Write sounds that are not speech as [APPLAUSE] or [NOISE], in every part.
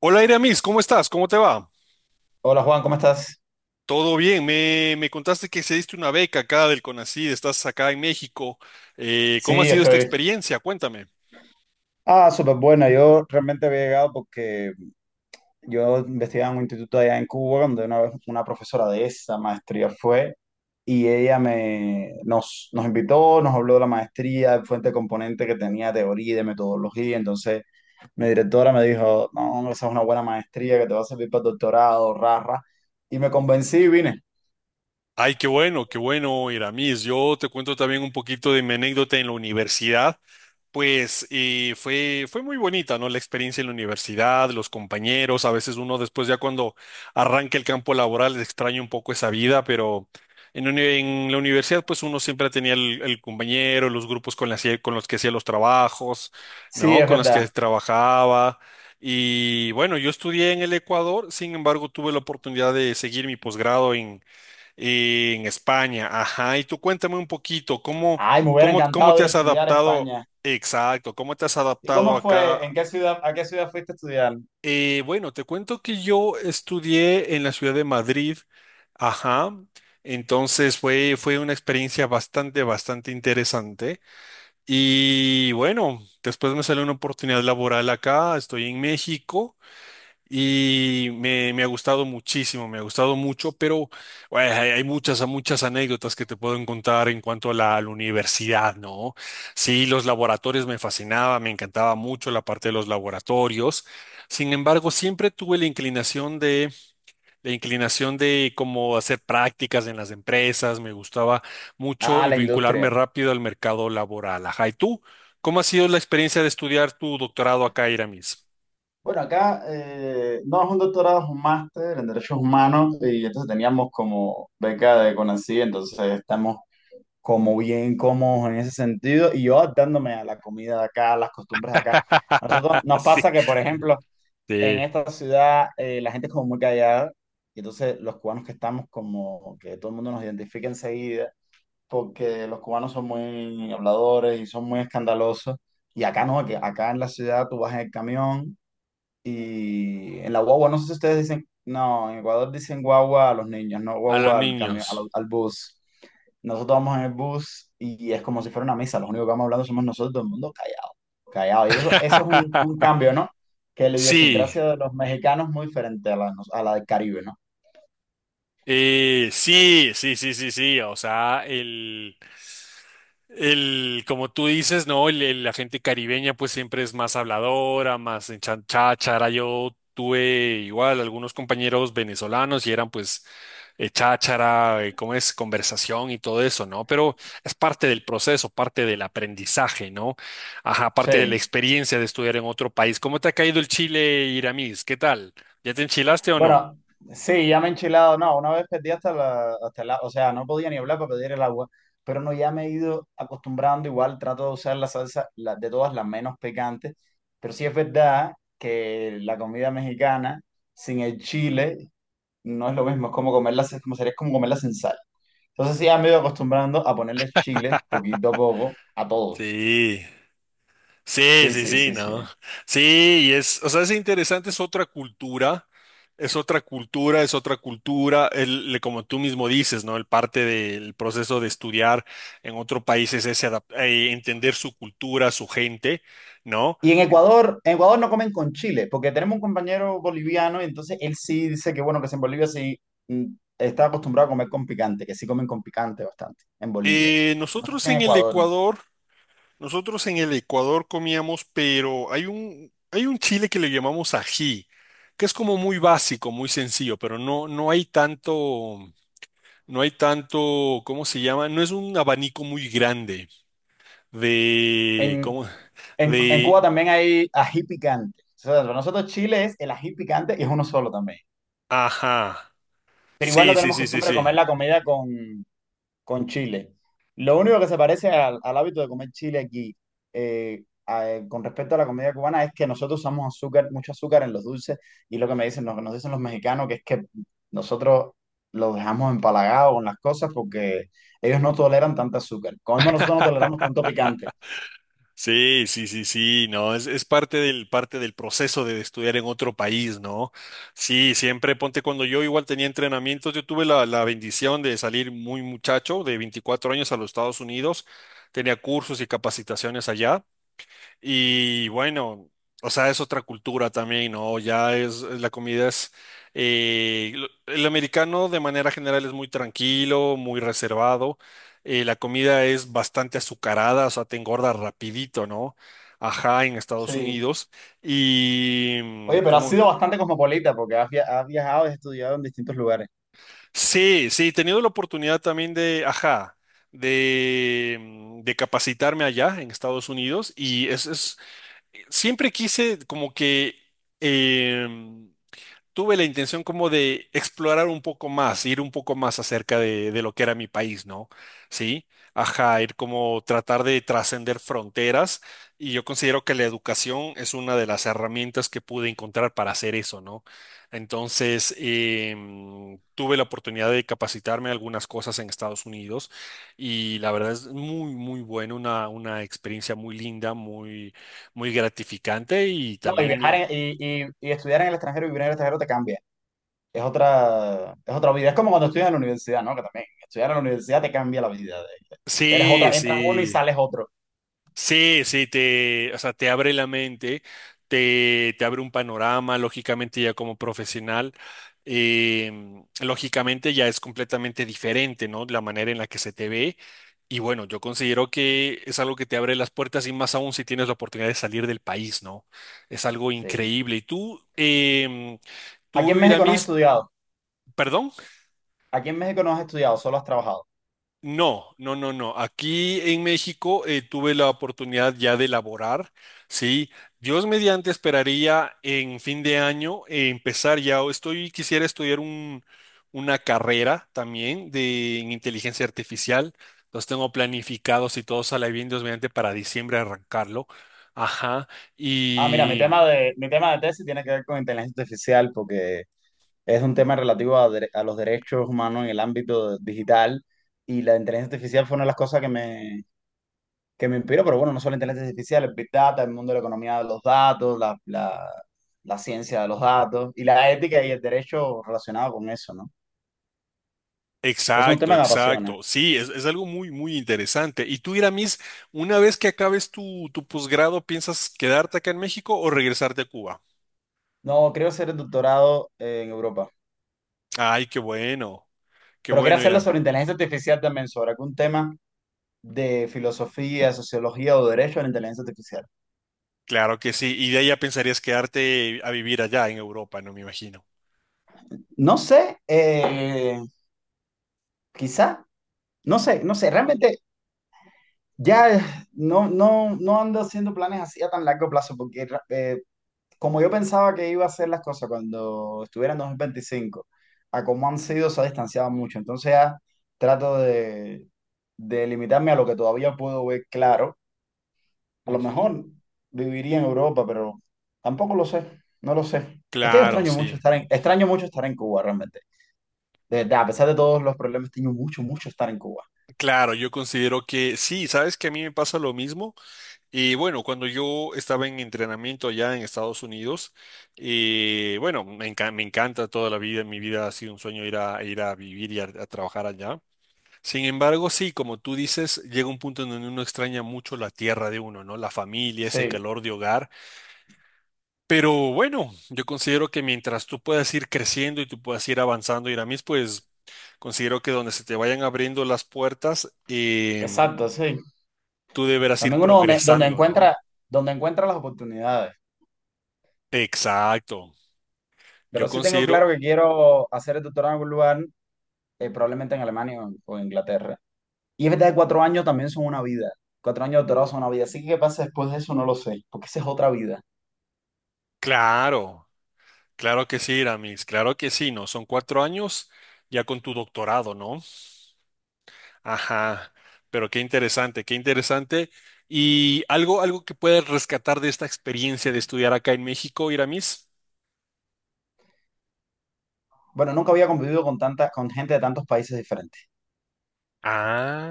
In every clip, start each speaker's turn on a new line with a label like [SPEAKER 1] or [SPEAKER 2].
[SPEAKER 1] Hola Iramis, ¿cómo estás? ¿Cómo te va?
[SPEAKER 2] Hola Juan, ¿cómo estás?
[SPEAKER 1] Todo bien, me contaste que diste una beca acá del CONACYT, estás acá en México. ¿Cómo ha
[SPEAKER 2] Sí,
[SPEAKER 1] sido esta
[SPEAKER 2] estoy.
[SPEAKER 1] experiencia? Cuéntame.
[SPEAKER 2] Ah, súper buena. Yo realmente había llegado porque yo investigaba en un instituto allá en Cuba, donde una vez una profesora de esa maestría fue y ella nos invitó, nos habló de la maestría, de fuente de componente que tenía teoría y de metodología. Entonces mi directora me dijo, no, esa es una buena maestría que te va a servir para el doctorado, rara. Y me convencí y vine.
[SPEAKER 1] Ay, qué bueno, Iramis. Yo te cuento también un poquito de mi anécdota en la universidad. Pues fue muy bonita, ¿no? La experiencia en la universidad, los compañeros, a veces uno después ya cuando arranca el campo laboral extraña un poco esa vida, pero en la universidad pues uno siempre tenía el compañero, los grupos con los que hacía los trabajos,
[SPEAKER 2] Sí,
[SPEAKER 1] ¿no?
[SPEAKER 2] es
[SPEAKER 1] Con los que
[SPEAKER 2] verdad.
[SPEAKER 1] trabajaba. Y bueno, yo estudié en el Ecuador, sin embargo tuve la oportunidad de seguir mi posgrado en España. Ajá, y tú cuéntame un poquito, ¿cómo,
[SPEAKER 2] Ay, me hubiera
[SPEAKER 1] cómo, cómo
[SPEAKER 2] encantado
[SPEAKER 1] te
[SPEAKER 2] ir a
[SPEAKER 1] has
[SPEAKER 2] estudiar a
[SPEAKER 1] adaptado?
[SPEAKER 2] España.
[SPEAKER 1] Exacto, ¿cómo te has
[SPEAKER 2] ¿Y
[SPEAKER 1] adaptado
[SPEAKER 2] cómo fue?
[SPEAKER 1] acá?
[SPEAKER 2] ¿En qué ciudad, a qué ciudad fuiste a estudiar?
[SPEAKER 1] Bueno, te cuento que yo estudié en la ciudad de Madrid, ajá, entonces fue una experiencia bastante interesante. Y bueno, después me salió una oportunidad laboral acá, estoy en México. Y me ha gustado muchísimo, me ha gustado mucho, pero bueno, hay muchas anécdotas que te puedo contar en cuanto a a la universidad, ¿no? Sí, los laboratorios me fascinaba, me encantaba mucho la parte de los laboratorios. Sin embargo, siempre tuve la inclinación de cómo hacer prácticas en las empresas, me gustaba mucho
[SPEAKER 2] Ah,
[SPEAKER 1] y
[SPEAKER 2] la
[SPEAKER 1] vincularme
[SPEAKER 2] industria.
[SPEAKER 1] rápido al mercado laboral. Ajá, ¿y tú? ¿Cómo ha sido la experiencia de estudiar tu doctorado acá, Iramis?
[SPEAKER 2] Bueno, acá no es un doctorado, es un máster en derechos humanos y entonces teníamos como beca de CONACYT, entonces estamos como bien cómodos en ese sentido y yo adaptándome a la comida de acá, a las costumbres de acá. A nosotros
[SPEAKER 1] [LAUGHS]
[SPEAKER 2] nos
[SPEAKER 1] Sí.
[SPEAKER 2] pasa que, por ejemplo, en
[SPEAKER 1] Sí,
[SPEAKER 2] esta ciudad la gente es como muy callada y entonces los cubanos que estamos como que todo el mundo nos identifica enseguida porque los cubanos son muy habladores y son muy escandalosos. Y acá no, que acá en la ciudad tú vas en el camión y en la guagua, no sé si ustedes dicen, no, en Ecuador dicen guagua a los niños, no
[SPEAKER 1] a los
[SPEAKER 2] guagua al camión, al,
[SPEAKER 1] niños.
[SPEAKER 2] al bus. Nosotros vamos en el bus y es como si fuera una misa, los únicos que vamos hablando somos nosotros, todo el mundo callado, callado. Y eso es un
[SPEAKER 1] [LAUGHS]
[SPEAKER 2] cambio, ¿no? Que la
[SPEAKER 1] Sí,
[SPEAKER 2] idiosincrasia de los mexicanos es muy diferente a la del Caribe, ¿no?
[SPEAKER 1] sí, sí, sí, sí, sí. O sea, el, como tú dices, ¿no? La gente caribeña pues siempre es más habladora, más cháchara. Yo tuve igual algunos compañeros venezolanos y eran pues cháchara, ¿cómo es? Conversación y todo eso, ¿no? Pero es parte del proceso, parte del aprendizaje, ¿no? Ajá, parte de la
[SPEAKER 2] Sí.
[SPEAKER 1] experiencia de estudiar en otro país. ¿Cómo te ha caído el Chile, Iramis? ¿Qué tal? ¿Ya te enchilaste o no?
[SPEAKER 2] Bueno, sí, ya me he enchilado. No, una vez perdí hasta o sea, no podía ni hablar para pedir el agua, pero no, ya me he ido acostumbrando. Igual trato de usar de todas las menos picantes, pero sí es verdad que la comida mexicana sin el chile no es lo mismo, es como comerla, es como sería como comerla sin sal. Entonces sí, ya me he ido acostumbrando a ponerle chile poquito a poco a todo.
[SPEAKER 1] Sí. Sí,
[SPEAKER 2] Sí,
[SPEAKER 1] sí,
[SPEAKER 2] sí,
[SPEAKER 1] sí,
[SPEAKER 2] sí, sí.
[SPEAKER 1] no. Sí, y es, o sea, es interesante, es otra cultura, es otra cultura, es otra cultura, como tú mismo dices, ¿no? El parte del proceso de estudiar en otro país es ese entender su cultura, su gente, ¿no?
[SPEAKER 2] Y en Ecuador no comen con chile, porque tenemos un compañero boliviano y entonces él sí dice que bueno, que si en Bolivia sí mm, está acostumbrado a comer con picante, que sí comen con picante bastante en Bolivia. No sé
[SPEAKER 1] Nosotros
[SPEAKER 2] si en
[SPEAKER 1] en el
[SPEAKER 2] Ecuador.
[SPEAKER 1] Ecuador, nosotros en el Ecuador comíamos, pero hay un chile que le llamamos ají, que es como muy básico, muy sencillo, pero no, no hay tanto. No hay tanto, ¿cómo se llama? No es un abanico muy grande de,
[SPEAKER 2] En,
[SPEAKER 1] ¿cómo?
[SPEAKER 2] en Cuba
[SPEAKER 1] De,
[SPEAKER 2] también hay ají picante. O sea, para nosotros Chile es el ají picante y es uno solo también.
[SPEAKER 1] ajá.
[SPEAKER 2] Pero igual no
[SPEAKER 1] Sí, sí,
[SPEAKER 2] tenemos
[SPEAKER 1] sí, sí,
[SPEAKER 2] costumbre de
[SPEAKER 1] sí.
[SPEAKER 2] comer la comida con chile. Lo único que se parece al hábito de comer chile aquí, con respecto a la comida cubana, es que nosotros usamos azúcar, mucho azúcar en los dulces, y lo que me dicen, lo que nos dicen los mexicanos, que es que nosotros los dejamos empalagados con las cosas porque ellos no toleran tanta azúcar. Como mismo nosotros no toleramos tanto picante.
[SPEAKER 1] Sí, sí, sí, sí, no, es parte del proceso de estudiar en otro país, ¿no? Sí, siempre ponte cuando yo igual tenía entrenamientos, yo tuve la bendición de salir muy muchacho, de 24 años a los Estados Unidos, tenía cursos y capacitaciones allá. Y bueno, o sea, es otra cultura también, ¿no? Ya es, la comida es, eh, lo- el americano de manera general es muy tranquilo, muy reservado, la comida es bastante azucarada, o sea, te engorda rapidito, ¿no? Ajá, en Estados
[SPEAKER 2] Sí.
[SPEAKER 1] Unidos. Y, mm,
[SPEAKER 2] Oye, pero has
[SPEAKER 1] ¿cómo?
[SPEAKER 2] sido bastante cosmopolita porque has viajado y has estudiado en distintos lugares.
[SPEAKER 1] Sí, sí, he tenido la oportunidad también de, ajá, de capacitarme allá en Estados Unidos y es siempre quise como que em, tuve la intención como de explorar un poco más, ir un poco más acerca de lo que era mi país, ¿no? Sí, ajá, ir como tratar de trascender fronteras y yo considero que la educación es una de las herramientas que pude encontrar para hacer eso, ¿no? Entonces, tuve la oportunidad de capacitarme en algunas cosas en Estados Unidos y la verdad es muy, muy bueno, una experiencia muy linda, muy, muy gratificante y
[SPEAKER 2] No, y
[SPEAKER 1] también,
[SPEAKER 2] viajar y estudiar en el extranjero y vivir en el extranjero te cambia. Es otra vida. Es como cuando estudias en la universidad, ¿no? Que también estudiar en la universidad te cambia la vida. Ya eres
[SPEAKER 1] sí,
[SPEAKER 2] otra, entras uno y
[SPEAKER 1] sí.
[SPEAKER 2] sales otro.
[SPEAKER 1] Sí, sí, o sea, te abre la mente, te abre un panorama, lógicamente ya como profesional, lógicamente ya es completamente diferente, ¿no? La manera en la que se te ve. Y bueno, yo considero que es algo que te abre las puertas y más aún si tienes la oportunidad de salir del país, ¿no? Es algo
[SPEAKER 2] Sí.
[SPEAKER 1] increíble. Y tú,
[SPEAKER 2] Aquí
[SPEAKER 1] tú,
[SPEAKER 2] en México no has
[SPEAKER 1] Iramis,
[SPEAKER 2] estudiado.
[SPEAKER 1] perdón.
[SPEAKER 2] Aquí en México no has estudiado, solo has trabajado.
[SPEAKER 1] No, no, no, no. Aquí en México tuve la oportunidad ya de elaborar, ¿sí? Dios mediante esperaría en fin de año empezar ya, o estoy, quisiera estudiar una carrera también de en inteligencia artificial. Los tengo planificados y todo sale bien, Dios mediante, para diciembre arrancarlo. Ajá.
[SPEAKER 2] Ah, mira, mi tema de tesis tiene que ver con inteligencia artificial porque es un tema relativo a los derechos humanos en el ámbito digital y la inteligencia artificial fue una de las cosas que me inspiro, pero bueno, no solo inteligencia artificial, el Big Data, el mundo de la economía de los datos, la ciencia de los datos y la ética y el derecho relacionado con eso, ¿no? Entonces es un
[SPEAKER 1] Exacto,
[SPEAKER 2] tema que me
[SPEAKER 1] exacto.
[SPEAKER 2] apasiona.
[SPEAKER 1] Sí, es algo muy, muy interesante. Y tú, Iramis, una vez que acabes tu posgrado, ¿piensas quedarte acá en México o regresarte a Cuba?
[SPEAKER 2] No, creo hacer el doctorado en Europa,
[SPEAKER 1] Ay, qué
[SPEAKER 2] pero quiero
[SPEAKER 1] bueno,
[SPEAKER 2] hacerlo
[SPEAKER 1] Iram.
[SPEAKER 2] sobre inteligencia artificial también, sobre algún tema de filosofía, sociología o derecho a la inteligencia artificial.
[SPEAKER 1] Claro que sí. Y de ahí ya pensarías quedarte a vivir allá en Europa, no me imagino.
[SPEAKER 2] No sé, quizá, no sé, no sé, realmente ya no ando haciendo planes así a tan largo plazo porque como yo pensaba que iba a ser las cosas cuando estuviera en 2025, a cómo han sido, se ha distanciado mucho. Entonces ya trato de limitarme a lo que todavía puedo ver claro. A lo
[SPEAKER 1] Ujú.
[SPEAKER 2] mejor viviría en Europa, pero tampoco lo sé, no lo sé. Es que yo
[SPEAKER 1] Claro,
[SPEAKER 2] extraño mucho
[SPEAKER 1] sí.
[SPEAKER 2] estar extraño mucho estar en Cuba realmente. De verdad, a pesar de todos los problemas, extraño mucho, mucho estar en Cuba.
[SPEAKER 1] Claro, yo considero que sí, sabes que a mí me pasa lo mismo. Y bueno, cuando yo estaba en entrenamiento allá en Estados Unidos, bueno, me encanta toda la vida, mi vida ha sido un sueño ir ir a vivir y a trabajar allá. Sin embargo, sí, como tú dices, llega un punto en donde uno extraña mucho la tierra de uno, ¿no? La familia, ese
[SPEAKER 2] Sí,
[SPEAKER 1] calor de hogar. Pero bueno, yo considero que mientras tú puedas ir creciendo y tú puedas ir avanzando, Iramis, pues considero que donde se te vayan abriendo las puertas,
[SPEAKER 2] exacto, sí.
[SPEAKER 1] tú deberás ir
[SPEAKER 2] También uno
[SPEAKER 1] progresando, ¿no?
[SPEAKER 2] donde encuentra las oportunidades.
[SPEAKER 1] Exacto. Yo
[SPEAKER 2] Pero sí tengo
[SPEAKER 1] considero,
[SPEAKER 2] claro que quiero hacer el doctorado en algún lugar probablemente en Alemania o Inglaterra. Y es verdad que 4 años también son una vida. 4 años de doctorado son una vida. Así que qué pasa después de eso no lo sé, porque esa es otra vida.
[SPEAKER 1] claro, claro que sí, Iramis, claro que sí, ¿no? Son cuatro años ya con tu doctorado, ¿no? Ajá, pero qué interesante, qué interesante. ¿Y algo, algo que puedes rescatar de esta experiencia de estudiar acá en México, Iramis?
[SPEAKER 2] Bueno, nunca había convivido con tanta, con gente de tantos países diferentes.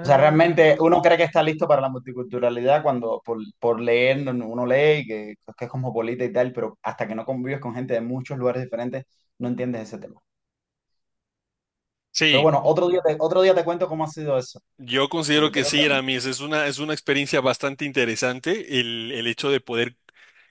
[SPEAKER 2] O sea, realmente uno cree que está listo para la multiculturalidad cuando por leer uno lee y que es cosmopolita y tal, pero hasta que no convives con gente de muchos lugares diferentes, no entiendes ese tema. Pero
[SPEAKER 1] sí.
[SPEAKER 2] bueno, otro día te cuento cómo ha sido eso,
[SPEAKER 1] Yo considero
[SPEAKER 2] porque
[SPEAKER 1] que
[SPEAKER 2] creo que
[SPEAKER 1] sí, Aramis, es una experiencia bastante interesante el hecho de poder,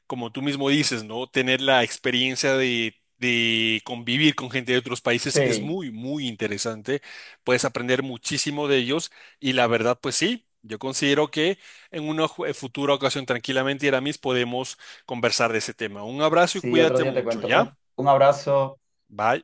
[SPEAKER 1] como tú mismo dices, ¿no? Tener la experiencia de convivir con gente de otros países es
[SPEAKER 2] sí,
[SPEAKER 1] muy, muy interesante. Puedes aprender muchísimo de ellos y la verdad, pues sí, yo considero que en una futura ocasión tranquilamente, Aramis, podemos conversar de ese tema. Un abrazo y
[SPEAKER 2] sí, otro
[SPEAKER 1] cuídate
[SPEAKER 2] día te
[SPEAKER 1] mucho,
[SPEAKER 2] cuento.
[SPEAKER 1] ¿ya?
[SPEAKER 2] Un abrazo.
[SPEAKER 1] Bye.